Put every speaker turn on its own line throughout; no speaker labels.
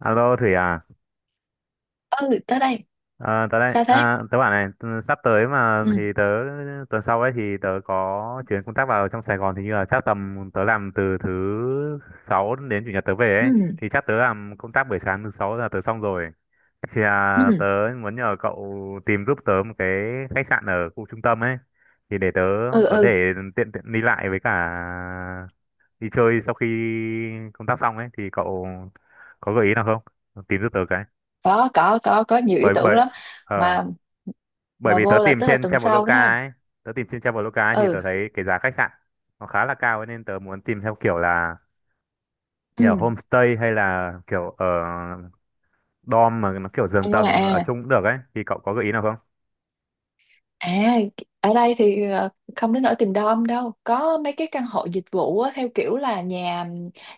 Alo Thủy à,
Ừ, tới đây.
à tớ đây
Sao thế?
à, tớ bảo này sắp tới mà thì
Ừ.
tớ tuần sau ấy thì tớ có chuyến công tác vào trong Sài Gòn, thì như là chắc tầm tớ làm từ thứ sáu đến chủ nhật tớ về ấy.
Ừ.
Thì chắc tớ làm công tác buổi sáng thứ sáu là tớ xong rồi, thì
Ừ.
tớ muốn nhờ cậu tìm giúp tớ một cái khách sạn ở khu trung tâm ấy, thì để tớ
Ừ.
có
Ừ.
để tiện tiện đi lại với cả đi chơi sau khi công tác xong ấy. Thì cậu có gợi ý nào không, tìm giúp tớ cái.
Có nhiều ý
Bởi
tưởng
bởi
lắm.
ờ
mà
Bởi
mà
vì
vô là tức là tuần sau đó ha?
Tớ tìm trên Traveloka ấy thì
Ừ.
tớ thấy cái giá khách sạn nó khá là cao ấy, nên tớ muốn tìm theo kiểu là
Ừ.
nhà ở homestay hay là kiểu ở dorm mà nó kiểu giường
à
tầng ở
à
chung cũng được ấy. Thì cậu có gợi ý nào không?
À, ở đây thì không đến nỗi tìm đom đâu. Có mấy cái căn hộ dịch vụ á, theo kiểu là nhà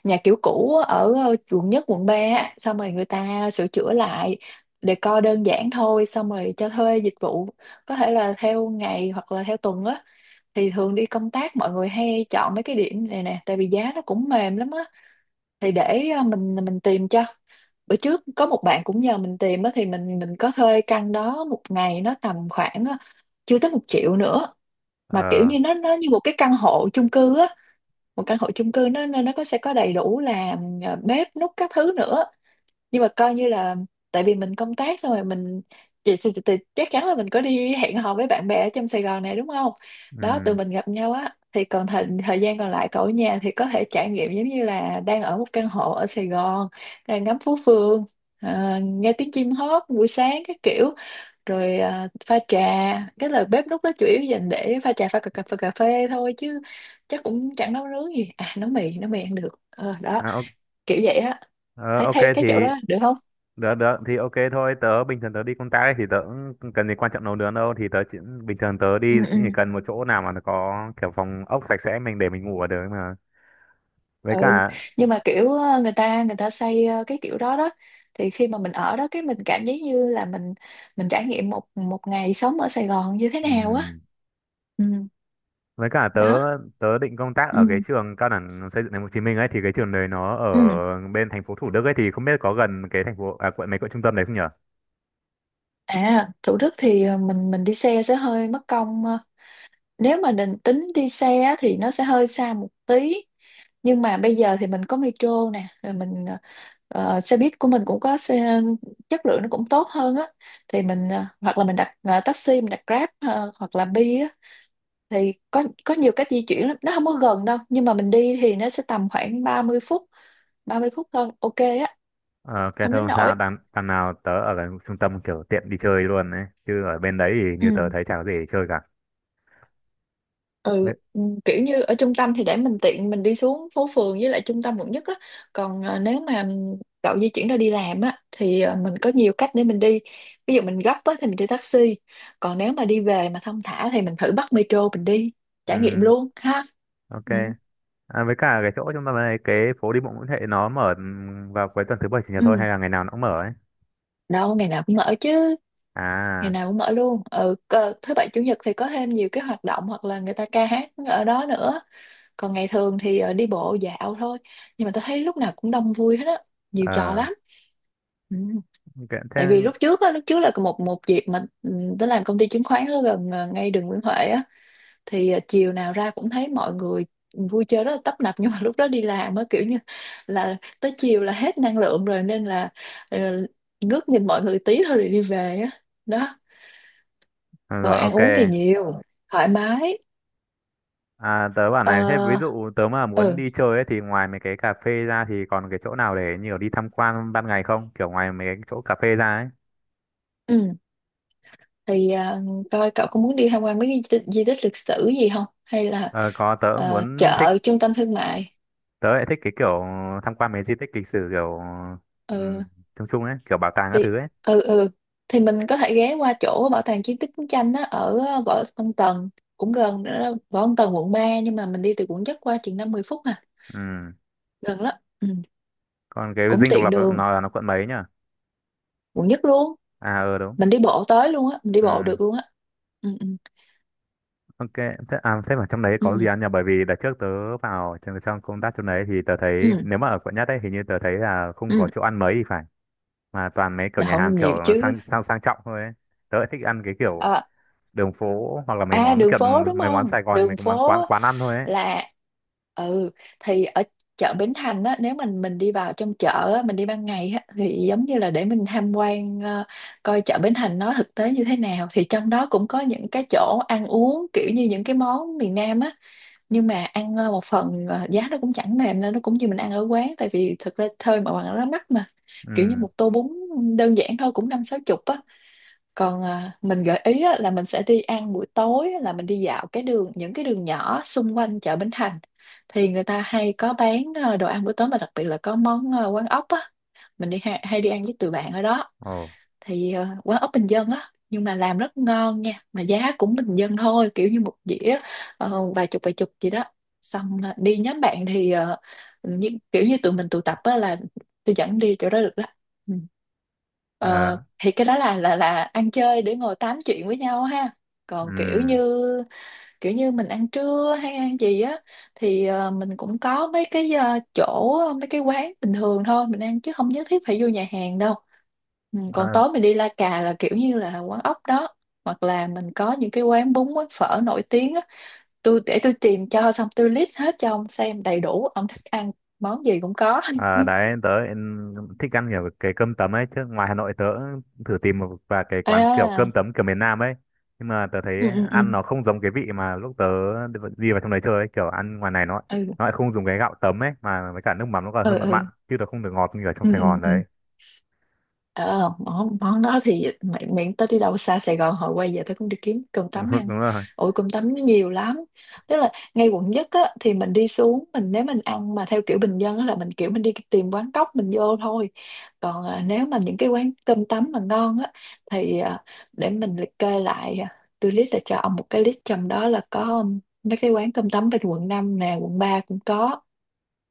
nhà kiểu cũ ở quận nhất, quận ba á. Xong rồi người ta sửa chữa lại decor đơn giản thôi, xong rồi cho thuê dịch vụ. Có thể là theo ngày hoặc là theo tuần á. Thì thường đi công tác mọi người hay chọn mấy cái điểm này nè, tại vì giá nó cũng mềm lắm á. Thì để mình tìm cho bữa trước có một bạn cũng nhờ mình tìm á thì mình có thuê căn đó một ngày nó tầm khoảng á, chưa tới 1 triệu nữa. Mà kiểu
ờ
như nó như một cái căn hộ chung cư á. Một căn hộ chung cư nó có sẽ có đầy đủ là ừ, bếp núc các thứ nữa, nhưng mà coi như là tại vì mình công tác xong rồi mình chị thì chắc chắn là mình có đi hẹn hò với bạn bè ở trong Sài Gòn này đúng không? Đó, tụi
ừm,
mình gặp nhau á thì còn thời gian còn lại cậu ở nhà thì có thể trải nghiệm giống như là đang ở một căn hộ ở Sài Gòn, à, ngắm phố phường, à, nghe tiếng chim hót buổi sáng các kiểu, rồi à, pha trà. Cái là bếp núc đó chủ yếu dành để pha trà pha cà phê thôi chứ chắc cũng chẳng nấu nướng gì, à, nấu mì ăn được. Ờ, đó,
à, o-
kiểu vậy á.
ờ,
thấy
ok
thấy cái chỗ
thì.
đó được không?
Được được thì ok thôi. Tớ bình thường tớ đi công tác ấy, thì tớ cũng cần gì quan trọng nấu nướng đâu. Thì tớ chỉ, bình thường tớ
Ừ.
đi
Ừ.
chỉ cần một chỗ nào mà nó có kiểu phòng ốc sạch sẽ, mình để mình ngủ ở được mà, với
Ừ.
cả.
Nhưng mà kiểu người ta xây cái kiểu đó đó, thì khi mà mình ở đó cái mình cảm giác như là mình trải nghiệm một một ngày sống ở Sài Gòn như thế nào á.
ừm,
Ừ.
với cả tớ
Đó.
tớ định công tác
Ừ.
ở cái trường cao đẳng xây dựng thành phố Hồ Chí Minh ấy. Thì cái trường đấy nó ở
Ừ.
bên thành phố Thủ Đức ấy, thì không biết có gần cái thành phố, quận mấy, quận trung tâm đấy không nhở?
À, Thủ Đức thì mình đi xe sẽ hơi mất công, nếu mà định tính đi xe á, thì nó sẽ hơi xa một tí. Nhưng mà bây giờ thì mình có metro nè rồi mình, xe buýt của mình cũng có xe chất lượng nó cũng tốt hơn á. Thì mình hoặc là mình đặt taxi, mình đặt Grab, hoặc là Bi á. Thì có nhiều cách di chuyển lắm, nó không có gần đâu nhưng mà mình đi thì nó sẽ tầm khoảng 30 phút. 30 phút thôi, ok á.
Ờ cái
Không
thôi
đến
không
nỗi.
sao, đằng đằng nào tớ ở gần trung tâm kiểu tiện đi chơi luôn ấy, chứ ở bên đấy thì
Ừ.
như tớ thấy chả có gì để chơi cả.
Ừ.
Với.
Ừ, kiểu như ở trung tâm thì để mình tiện mình đi xuống phố phường với lại trung tâm quận nhất á. Còn nếu mà cậu di chuyển ra đi làm á thì mình có nhiều cách để mình đi. Ví dụ mình gấp á thì mình đi taxi. Còn nếu mà đi về mà thong thả thì mình thử bắt metro mình đi, trải nghiệm
ừm,
luôn ha.
ok.
Ừ.
Với cả cái chỗ trung tâm này, cái phố đi bộ Nguyễn Huệ nó mở, vào cuối tuần thứ bảy chủ nhật thôi
Ừ.
hay là ngày nào nó cũng mở ấy?
Đâu ngày nào cũng mở chứ. Ngày
À.
nào cũng mở luôn, thứ bảy chủ nhật thì có thêm nhiều cái hoạt động hoặc là người ta ca hát ở đó nữa. Còn ngày thường thì đi bộ dạo thôi. Nhưng mà tôi thấy lúc nào cũng đông vui hết á, nhiều trò
ờ
lắm. Ừ.
ok thế.
Tại vì lúc trước là một một dịp mà tôi làm công ty chứng khoán ở gần ngay đường Nguyễn Huệ á. Thì chiều nào ra cũng thấy mọi người vui chơi rất là tấp nập, nhưng mà lúc đó đi làm á kiểu như là tới chiều là hết năng lượng rồi nên là ờ, ngước nhìn mọi người tí thôi rồi đi về á. Đó.
Ờ,
Còn
Rồi,
ăn
ok.
uống thì nhiều, thoải mái.
À, tớ bảo
Ờ,
này, thế ví dụ tớ mà muốn
ừ.
đi chơi ấy, thì ngoài mấy cái cà phê ra thì còn cái chỗ nào để nhiều đi tham quan ban ngày không? Kiểu ngoài mấy cái chỗ cà phê ra ấy.
Ừ. Thì à, coi cậu có muốn đi tham quan mấy cái di tích lịch sử gì không hay là
Ờ, có, tớ muốn thích,
chợ trung tâm thương mại.
tớ lại thích cái kiểu tham quan mấy di tích lịch sử, kiểu um,
Ừ.
chung chung ấy, kiểu bảo tàng các
Thì
thứ ấy.
ừ. Ừ, thì mình có thể ghé qua chỗ bảo tàng chiến tích chiến tranh á ở Võ Văn Tần, cũng gần nữa đó. Võ Văn Tần quận 3 nhưng mà mình đi từ quận nhất qua chừng 50 phút à.
Ừ.
Gần lắm. Ừ.
Còn cái
Cũng
Dinh Độc
tiện
Lập
đường,
nó là nó quận mấy nhỉ?
quận nhất luôn.
À, ờ đúng.
Mình đi bộ tới luôn á, mình đi
Ừ.
bộ được luôn á. Ừ. Ừ.
Ok, thế, à, thế mà trong đấy
Ừ.
có gì ăn nhỉ? Bởi vì đợt trước tớ vào trong, trong công tác trong đấy, thì tớ thấy
Ừ.
nếu mà ở quận nhất ấy hình như tớ thấy là không
Ừ.
có chỗ ăn mấy thì phải. Mà toàn mấy kiểu
Đã
nhà hàng
không
kiểu
nhiều chứ.
sang sang sang trọng thôi ấy. Tớ lại thích ăn cái kiểu
à,
đường phố, hoặc là mấy
À,
món
đường
kiểu
phố đúng
mấy món
không,
Sài Gòn, mấy
đường
cái món quán
phố
quán ăn thôi ấy.
là. Ừ, thì ở chợ Bến Thành á, nếu mình đi vào trong chợ á, mình đi ban ngày á, thì giống như là để mình tham quan coi chợ Bến Thành nó thực tế như thế nào thì trong đó cũng có những cái chỗ ăn uống kiểu như những cái món miền Nam á. Nhưng mà ăn một phần giá nó cũng chẳng mềm nên nó cũng như mình ăn ở quán tại vì thực ra thôi mà bằng nó mắc mà, kiểu như
Ừ.
một tô bún đơn giản thôi cũng năm sáu chục á. Còn à, mình gợi ý á, là mình sẽ đi ăn buổi tối á, là mình đi dạo cái đường những cái đường nhỏ xung quanh chợ Bến Thành. Thì người ta hay có bán à, đồ ăn buổi tối mà đặc biệt là có món à, quán ốc á. Mình đi hay đi ăn với tụi bạn ở đó.
Ồ.
Thì quán ốc bình dân á nhưng mà làm rất ngon nha mà giá cũng bình dân thôi, kiểu như một dĩa vài chục gì đó. Xong đi nhóm bạn thì kiểu như tụi mình tụ tập á là tôi dẫn đi chỗ đó được đó. Ừ. Ờ,
Ờ.
thì cái đó là ăn chơi để ngồi tám chuyện với nhau ha.
Ừ.
Còn kiểu như mình ăn trưa hay ăn gì á, thì mình cũng có mấy cái chỗ mấy cái quán bình thường thôi mình ăn chứ không nhất thiết phải vô nhà hàng đâu. Ừ, còn
À.
tối mình đi La Cà là kiểu như là quán ốc đó. Hoặc là mình có những cái quán bún quán phở nổi tiếng á, tôi để tôi tìm cho xong tôi list hết cho ông xem đầy đủ ông thích ăn món gì cũng có.
À, đấy tớ lại thích ăn kiểu cái cơm tấm ấy, chứ ngoài Hà Nội tớ thử tìm một vài cái quán kiểu
À.
cơm tấm kiểu miền Nam ấy, nhưng mà tớ thấy
Ừ. Ừ. Ừ.
ăn nó không giống cái vị mà lúc tớ đi vào trong đấy chơi ấy. Kiểu ăn ngoài này nó
Ừ.
nó lại không dùng cái gạo tấm ấy, mà với cả nước mắm nó còn
Ừ.
hơi mặn
Ừ.
mặn chứ nó không được ngọt như ở trong
Ừ.
Sài Gòn
Ừ.
đấy.
Ờ, món đó thì miễn tới đi đâu xa Sài Gòn hồi quay về tôi cũng đi kiếm cơm tấm ăn.
Đúng rồi.
Ôi cơm tấm nó nhiều lắm. Tức là ngay quận nhất á, thì mình đi xuống mình nếu mình ăn mà theo kiểu bình dân á, là mình kiểu mình đi tìm quán cóc mình vô thôi. Còn à, nếu mà những cái quán cơm tấm mà ngon á thì à, để mình liệt kê lại, à, tôi list là cho ông một cái list trong đó là có mấy cái quán cơm tấm bên quận 5 nè quận 3 cũng có.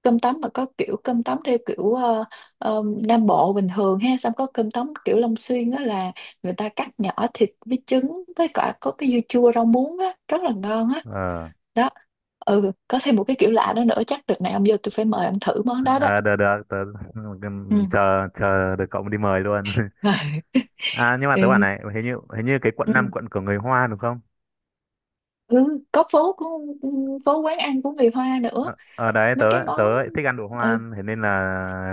Cơm tấm mà có kiểu cơm tấm theo kiểu Nam Bộ bình thường ha, xong có cơm tấm kiểu Long Xuyên á là người ta cắt nhỏ thịt với trứng với cả có cái dưa chua rau muống á, rất là ngon á.
Ờ.
Đó. Ừ, có thêm một cái kiểu lạ đó nữa, chắc đợt này ông vô tôi phải mời ông thử món đó đó.
À, được được tớ
Ừ.
chờ chờ được cậu đi mời luôn.
Rồi.
À, nhưng mà tớ bảo
Ừ.
này, hình như cái quận
Ừ.
năm, quận của người Hoa đúng không?
Ừ, có phố của phố quán ăn của người Hoa nữa.
Ờ, ờ đấy tớ,
Mấy cái
tớ
món.
lại thích ăn đồ
Ừ,
Hoa, thế nên là.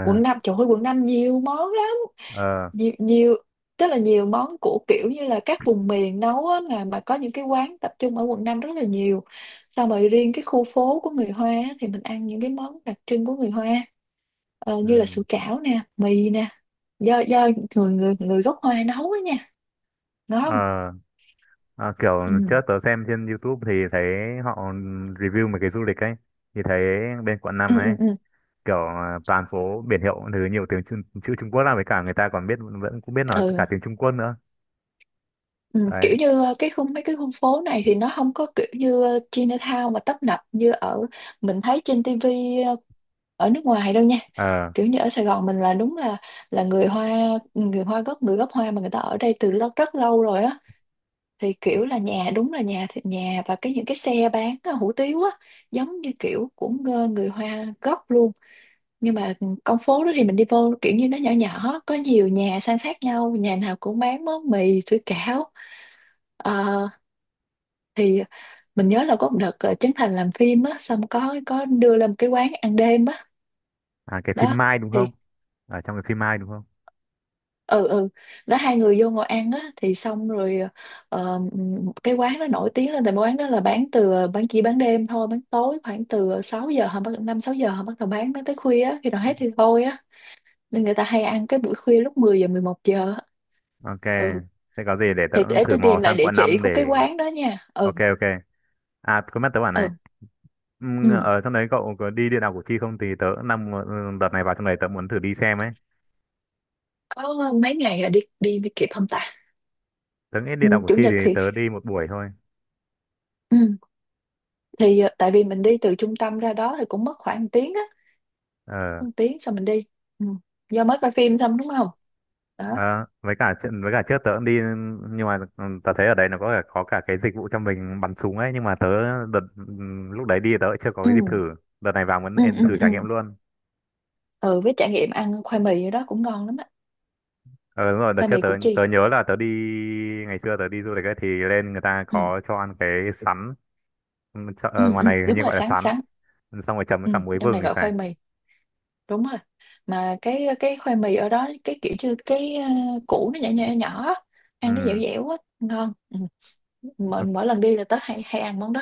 quận năm trời ơi quận năm nhiều món lắm.
Ờ.
Nhiều nhiều, tức là nhiều món của kiểu như là các vùng miền nấu á, là mà có những cái quán tập trung ở quận 5 rất là nhiều. Xong rồi riêng cái khu phố của người Hoa á, thì mình ăn những cái món đặc trưng của người Hoa, như là
Ừ.
sủi cảo nè mì nè, do người người người gốc Hoa nấu á nha. Ngon.
Ờ. Ờ, kiểu trước
Ừ.
tớ xem trên YouTube thì thấy họ review mấy cái du lịch ấy, thì thấy bên quận năm
Ừ.
ấy
Ừ. Ừ.
kiểu toàn phố biển hiệu thứ nhiều tiếng, chữ, chữ Trung Quốc, là với cả người ta còn biết, vẫn cũng biết nói
Ừ.
cả tiếng Trung Quốc nữa.
Ừ,
Đấy.
kiểu như cái khung mấy cái khu phố này thì nó không có kiểu như Chinatown mà tấp nập như ở mình thấy trên tivi, ở nước ngoài đâu nha.
Ờ.
Kiểu như ở Sài Gòn mình là đúng là người Hoa. Ừ, người gốc Hoa mà người ta ở đây từ lâu rất lâu rồi á, thì kiểu là nhà đúng là nhà thì nhà, và cái những cái xe bán hủ tiếu á, giống như kiểu của người Hoa gốc luôn. Nhưng mà ừ, con phố đó thì mình đi vô kiểu như nó nhỏ nhỏ, có nhiều nhà san sát nhau, nhà nào cũng bán món mì sủi cảo. ờ, thì mình nhớ là có một đợt, Trấn Thành làm phim á, xong có đưa lên một cái quán ăn đêm á.
À, cái phim
Đó
Mai đúng
thì
không? Ở trong cái phim Mai đúng không?
ừ, ừ. Đó, hai người vô ngồi ăn á thì xong rồi, ờ, cái quán nó nổi tiếng lên tại quán đó là bán từ ờ, bán chỉ bán đêm thôi, bán tối khoảng từ 6 giờ, họ bắt 5 6 giờ họ bắt đầu bán tới khuya á, khi nào hết thì thôi á. Nên người ta hay ăn cái buổi khuya lúc 10 giờ, 11 giờ á.
Ok.
Ừ,
Thế có gì để tớ
thì
cũng
để
thử
tôi
mò
tìm lại
sang
địa
quận
chỉ
5
của
để...
cái quán đó nha. Ừ,
Ok ok. À, có mắt tớ bảo này.
ừ, ừ.
Ở trong đấy cậu có đi địa đạo Củ Chi không? Thì tớ cũng đang mu- đợt này vào trong đấy tớ muốn thử đi xem ấy.
Có mấy ngày à, đi đi đi kịp không ta?
Tớ nghĩ địa
Ừ,
đạo Củ
chủ
Chi thì
nhật thì,
tớ đi một buổi thôi.
ừ, tại vì mình đi từ trung tâm ra đó thì cũng mất khoảng 1 tiếng á,
Ờ.
1 tiếng xong mình đi. Ừ. Do mới coi phim xong đúng không? Đó.
ờ, với cả chuyện- với cả trước tớ cũng đi, nhưng mà tớ thấy ở đấy nó có cả cái dịch vụ cho mình bắn súng ấy, nhưng mà tớ đợt lúc đấy đi tớ chưa có cái
Ừ.
dịp thử. Đợt này vào muốn
Ừ, ừ,
thử
ừ.
trải nghiệm luôn.
Ừ, với trải nghiệm ăn khoai mì ở đó cũng ngon lắm á.
Ờ đúng rồi, đợt
Khoai
trước
mì
tớ,
Củ Chi.
tớ nhớ là tớ đi ngày xưa tớ đi du lịch ấy, thì lên người ta
Ừ.
có cho ăn cái sắn. Ừ, chợ-
Ừ,
ngoài
ừ.
này hình
Đúng
như
rồi,
gọi là
sáng
sắn,
sáng.
xong rồi chấm với cả
Ừ.
muối
Trong
vừng
này
thì
gọi
phải.
khoai mì, đúng rồi. Mà cái khoai mì ở đó cái kiểu như củ nó nhỏ nhỏ nhỏ á, ăn nó dẻo
Ừ.
dẻo á, ngon. Ừ. mỗi,
Ok.
mỗi lần đi là tớ hay hay ăn món đó.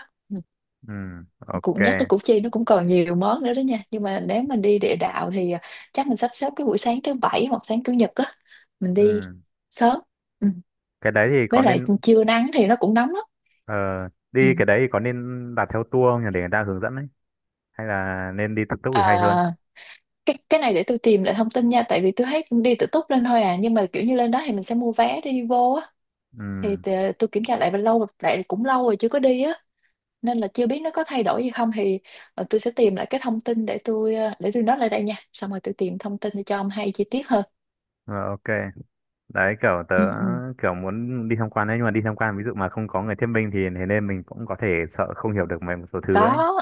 Ừ. Ok.
Cũng nhắc tới Củ Chi, nó cũng còn nhiều món nữa đó nha, nhưng mà nếu mình đi địa đạo thì chắc mình sắp xếp cái buổi sáng thứ bảy hoặc sáng chủ nhật á, mình đi
Ừ.
sớm. Ừ.
Cái đấy thì có
Với lại
nên,
trưa nắng thì nó cũng nóng lắm.
ờ,
Ừ.
đi cái đấy thì có nên đặt theo tour không nhỉ, để người ta hướng dẫn ấy, hay là nên đi tự túc
À,
thì hay hơn?
cái này để tôi tìm lại thông tin nha, tại vì tôi thấy cũng đi tự túc lên thôi à, nhưng mà kiểu như lên đó thì mình sẽ mua vé để đi vô á.
Ừ.
Thì tôi kiểm tra lại, và lâu lại cũng lâu rồi chưa có đi á, nên là chưa biết nó có thay đổi gì không thì, tôi sẽ tìm lại cái thông tin để tôi nói lại đây nha, xong rồi tôi tìm thông tin cho ông hay chi tiết hơn.
ờ, ok đấy, kiểu tớ
Ừ, ừ.
kiểu muốn đi tham quan ấy, nhưng mà đi tham quan ví dụ mà không có người thuyết minh thì thế nên mình cũng có thể sợ không hiểu được mấy một số thứ ấy.
Có.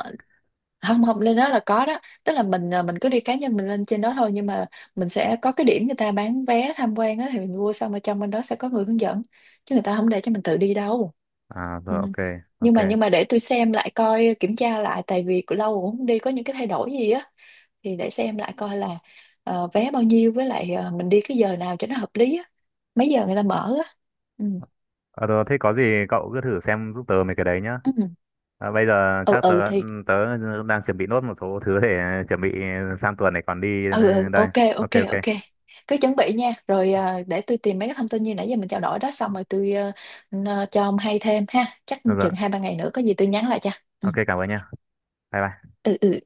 Không, không, lên đó là có đó, tức là mình cứ đi cá nhân mình lên trên đó thôi, nhưng mà mình sẽ có cái điểm người ta bán vé tham quan á, thì mình mua xong ở trong bên đó sẽ có người hướng dẫn, chứ người ta không để cho mình tự đi đâu.
À
Ừ.
rồi, ok.
nhưng
Ok.
mà nhưng mà để tôi xem lại coi, kiểm tra lại, tại vì cũng lâu rồi không đi, có những cái thay đổi gì á, thì để xem lại coi là, vé bao nhiêu, với lại, mình đi cái giờ nào cho nó hợp lý á, mấy giờ người ta mở á. Ừ.
Ờ rồi, thế có gì cậu cứ thử xem giúp tớ mấy cái đấy nhá.
Ừ.
Bây giờ
Ừ,
chắc tớ
ừ, thì.
tớ đang chuẩn bị nốt một số thứ để chuẩn bị sang tuần này còn đi
Ừ, ừ,
đây.
ok, ok,
Ok ok.
ok. Cứ chuẩn bị nha, rồi à, để tôi tìm mấy cái thông tin như nãy giờ mình trao đổi đó, xong rồi tôi, cho ông hay thêm ha, chắc
Được rồi.
chừng 2 3 ngày nữa có gì tôi nhắn lại cho. Ừ,
Ok, cảm ơn nhá. Bye bye.
ừ, ừ.